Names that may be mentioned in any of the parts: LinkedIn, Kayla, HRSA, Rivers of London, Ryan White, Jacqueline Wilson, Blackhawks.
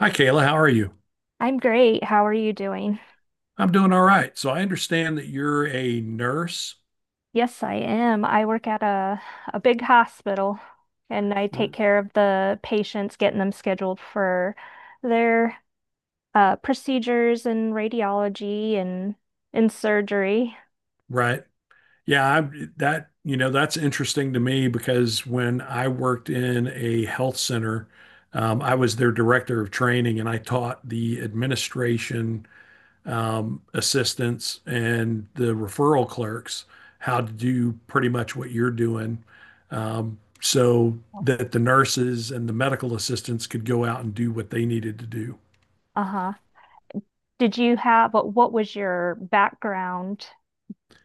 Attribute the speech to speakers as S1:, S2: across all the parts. S1: Hi, Kayla. How are you?
S2: I'm great. How are you doing?
S1: I'm doing all right. So I understand that you're a nurse,
S2: Yes, I am. I work at a big hospital and I take
S1: r-
S2: care of the patients, getting them scheduled for their procedures and radiology and surgery.
S1: right? Yeah, I, that, you know, that's interesting to me because when I worked in a health center, I was their director of training and I taught the administration, assistants and the referral clerks how to do pretty much what you're doing. So
S2: Oh.
S1: that the nurses and the medical assistants could go out and do what they needed to do.
S2: Uh-huh. Did you have what was your background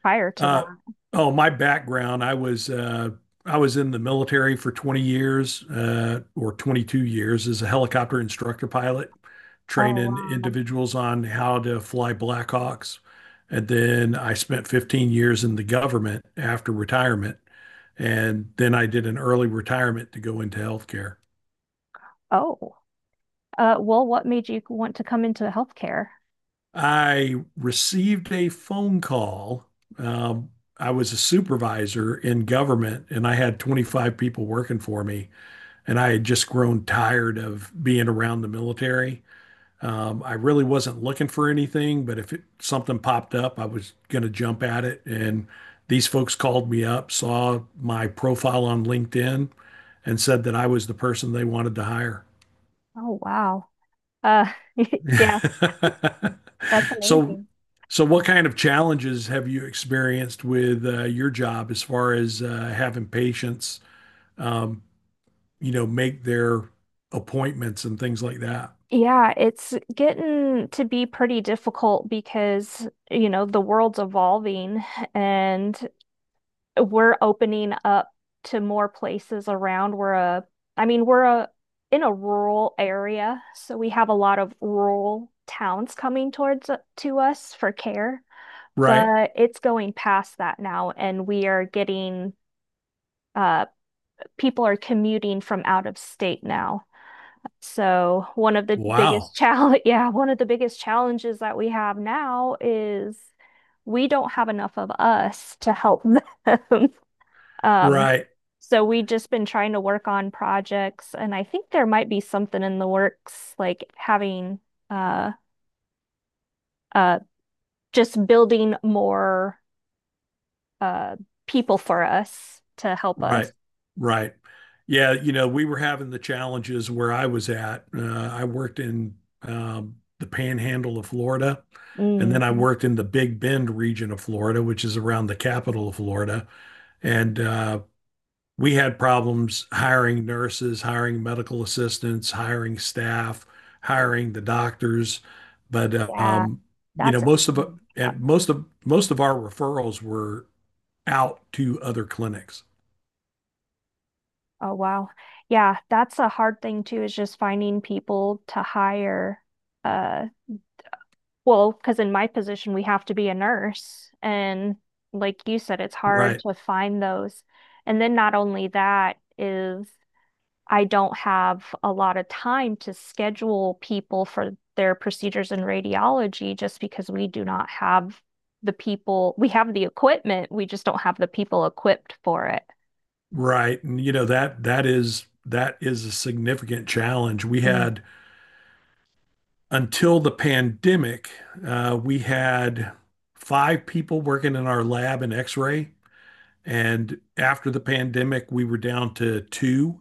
S2: prior to
S1: Uh,
S2: that?
S1: oh, my background, I was in the military for 20 years or 22 years as a helicopter instructor pilot,
S2: Oh,
S1: training
S2: wow.
S1: individuals on how to fly Blackhawks. And then I spent 15 years in the government after retirement. And then I did an early retirement to go into healthcare.
S2: Oh. Well, what made you want to come into healthcare?
S1: I received a phone call. Um, I was a supervisor in government and I had 25 people working for me. And I had just grown tired of being around the military. I really wasn't looking for anything, but if it, something popped up, I was going to jump at it. And these folks called me up, saw my profile on LinkedIn, and said that I was the person they wanted to hire.
S2: Oh, wow. Uh, yeah, that's
S1: So,
S2: amazing.
S1: so what kind of challenges have you experienced with your job as far as having patients, um, make their appointments and things like that?
S2: Yeah, it's getting to be pretty difficult because, you know, the world's evolving and we're opening up to more places around. I mean, we're a in a rural area, so we have a lot of rural towns coming towards to us for care,
S1: Right.
S2: but it's going past that now, and we are getting uh people are commuting from out of state now. So one of the
S1: Wow.
S2: biggest challenge, yeah, one of the biggest challenges that we have now is we don't have enough of us to help them. Um,
S1: Right.
S2: so we've just been trying to work on projects, and I think there might be something in the works, like having uh uh just building more uh people for us to help
S1: Right.
S2: us.
S1: Right. Yeah. You know, we were having the challenges where I was at. I worked in the panhandle of Florida, and then I
S2: Mhm.
S1: worked in the Big Bend region of Florida, which is around the capital of Florida. And we had problems hiring nurses, hiring medical assistants, hiring staff, hiring the doctors. But,
S2: Yeah,
S1: you know,
S2: that's a
S1: most of,
S2: fun
S1: and
S2: one.
S1: most of our referrals were out to other clinics.
S2: Oh, wow. Yeah, that's a hard thing too, is just finding people to hire. Uh, well, because in my position, we have to be a nurse. And like you said, it's hard
S1: Right.
S2: to find those. And then not only that is I don't have a lot of time to schedule people for their procedures in radiology just because we do not have the people. We have the equipment, we just don't have the people equipped for it.
S1: Right. And you know that that is a significant challenge. We
S2: Mm.
S1: had until the pandemic, we had five people working in our lab in X-ray, and after the pandemic, we were down to two.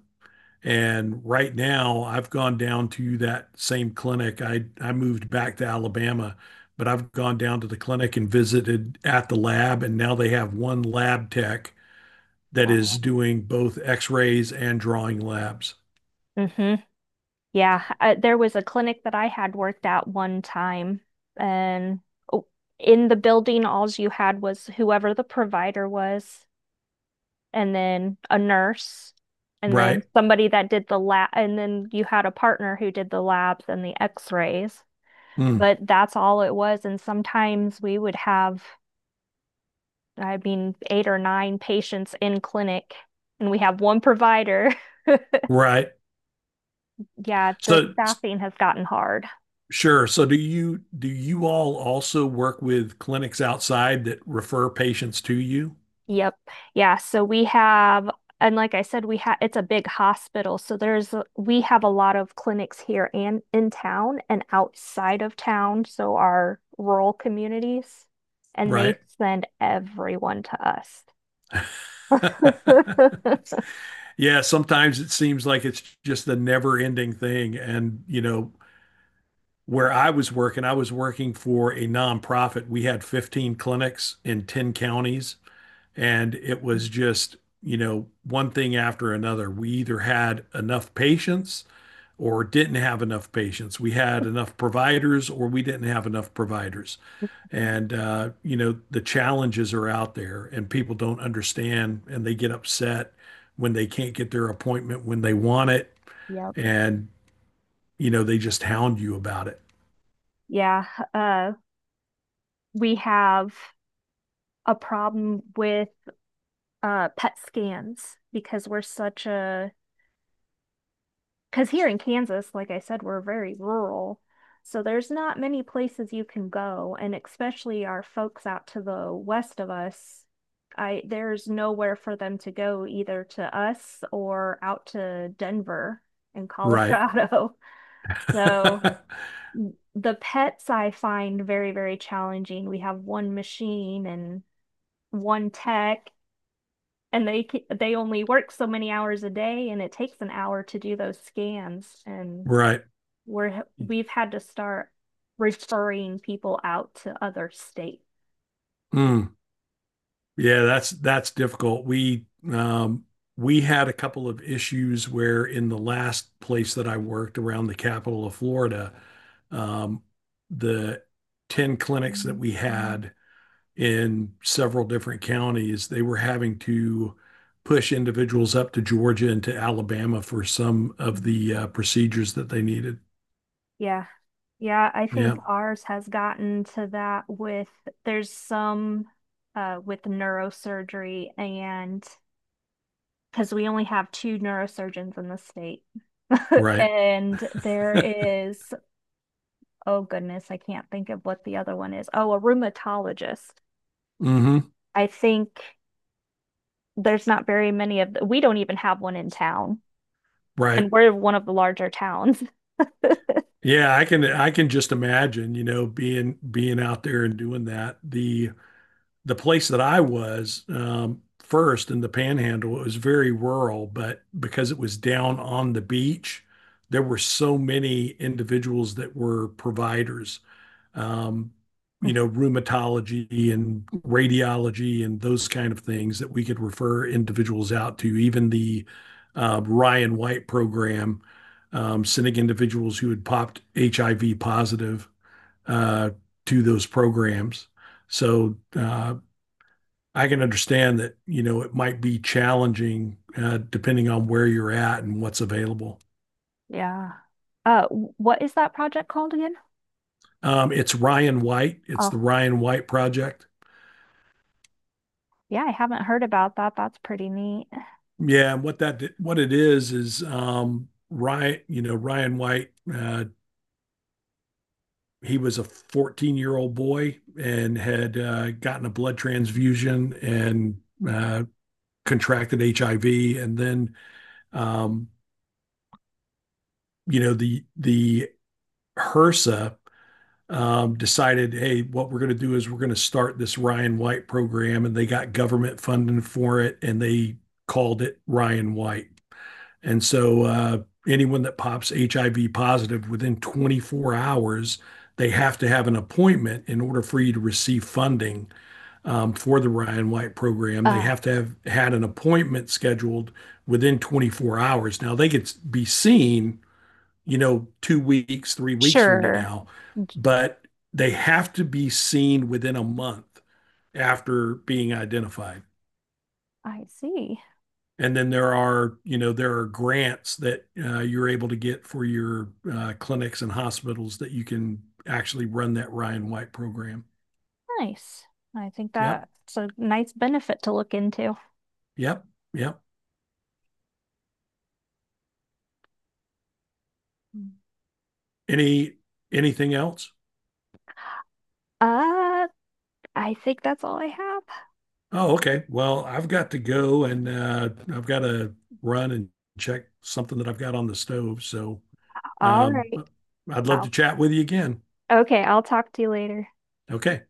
S1: And right now, I've gone down to that same clinic. I moved back to Alabama, but I've gone down to the clinic and visited at the lab, and now they have one lab tech that is
S2: Oh,
S1: doing both x-rays and drawing labs.
S2: wow. Mhm. Yeah, there was a clinic that I had worked at one time, and oh, in the building, all you had was whoever the provider was, and then a nurse, and then
S1: Right.
S2: somebody that did the lab, and then you had a partner who did the labs and the x-rays.
S1: Mm,
S2: But that's all it was. And sometimes we would have, I mean, eight or nine patients in clinic, and we have one provider.
S1: right.
S2: Yeah, the
S1: So
S2: staffing has gotten hard.
S1: sure, so do you all also work with clinics outside that refer patients to you?
S2: Yep. Yeah. And like I said, we have, it's a big hospital. So we have a lot of clinics here and in town and outside of town. So our rural communities, and they
S1: Right.
S2: send everyone to us.
S1: Yeah, sometimes it seems like it's just the never ending thing. And you know, where I was working, I was working for a nonprofit, we had 15 clinics in 10 counties. And it was just, you know, one thing after another. We either had enough patients or didn't have enough patients. We had enough providers or we didn't have enough providers. And, you know, the challenges are out there and people don't understand and they get upset when they can't get their appointment when they want it.
S2: Yep.
S1: And, you know, they just hound you about it.
S2: Yeah. Uh, we have a problem with PET scans because we're such a Because here in Kansas, like I said, we're very rural. So there's not many places you can go, and especially our folks out to the west of us, I there's nowhere for them to go either to us or out to Denver and
S1: Right.
S2: Colorado. So the pets I find very, very challenging. We have one machine and one tech, and they only work so many hours a day, and it takes an hour to do those scans and
S1: Right.
S2: we're we've had to start referring people out to other states.
S1: Mm. Yeah, that's difficult. We um we had a couple of issues where in the last place that I worked around the capital of Florida, um the 10 clinics that we had in several different counties, they were having to push individuals up to Georgia and to Alabama for some of
S2: Mm.
S1: the procedures that they needed.
S2: Yeah. Yeah, I think
S1: Yeah,
S2: ours has gotten to that with there's some with neurosurgery and because we only have two neurosurgeons in the state.
S1: right.
S2: And there is, oh goodness, I can't think of what the other one is. Oh, a rheumatologist.
S1: Hmm.
S2: I think there's not very many of the, we don't even have one in town.
S1: Right.
S2: And we're one of the larger towns.
S1: Yeah, I can just imagine, you know, being out there and doing that. The place that I was first in the Panhandle, it was very rural, but because it was down on the beach, there were so many individuals that were providers, um, you
S2: Mhm.
S1: know, rheumatology and radiology and those kind of things that we could refer individuals out to. Even the Ryan White program, sending individuals who had popped HIV positive uh, to those programs. So I can understand that, you know, it might be challenging depending on where you're at and what's available.
S2: Yeah. What is that project called again?
S1: It's Ryan White, it's the
S2: Oh,
S1: Ryan White Project.
S2: yeah, I haven't heard about that. That's pretty neat.
S1: Yeah, and what it is is Ryan, you know, Ryan White. He was a 14-year-old boy and had gotten a blood transfusion and uh, contracted HIV, and then um, you know, the HRSA decided, hey, what we're going to do is we're going to start this Ryan White program, and they got government funding for it, and they called it Ryan White. And so anyone that pops HIV positive within 24 hours, they have to have an appointment in order for you to receive funding for the Ryan White program. They
S2: Uh,
S1: have to have had an appointment scheduled within 24 hours. Now they could be seen, you know, 2 weeks, 3 weeks from
S2: sure.
S1: now, but they have to be seen within a month after being identified.
S2: I see.
S1: And then there are, you know, there are grants that you're able to get for your clinics and hospitals that you can actually run that Ryan White program.
S2: Nice. I think
S1: Yep,
S2: that's a nice benefit to look into.
S1: yep, yep. Any anything else?
S2: Uh, I think that's all I have.
S1: Oh, okay. Well, I've got to go and I've got to run and check something that I've got on the stove. So
S2: All
S1: um,
S2: right.
S1: I'd love to
S2: Wow.
S1: chat with you again.
S2: Okay, I'll talk to you later.
S1: Okay.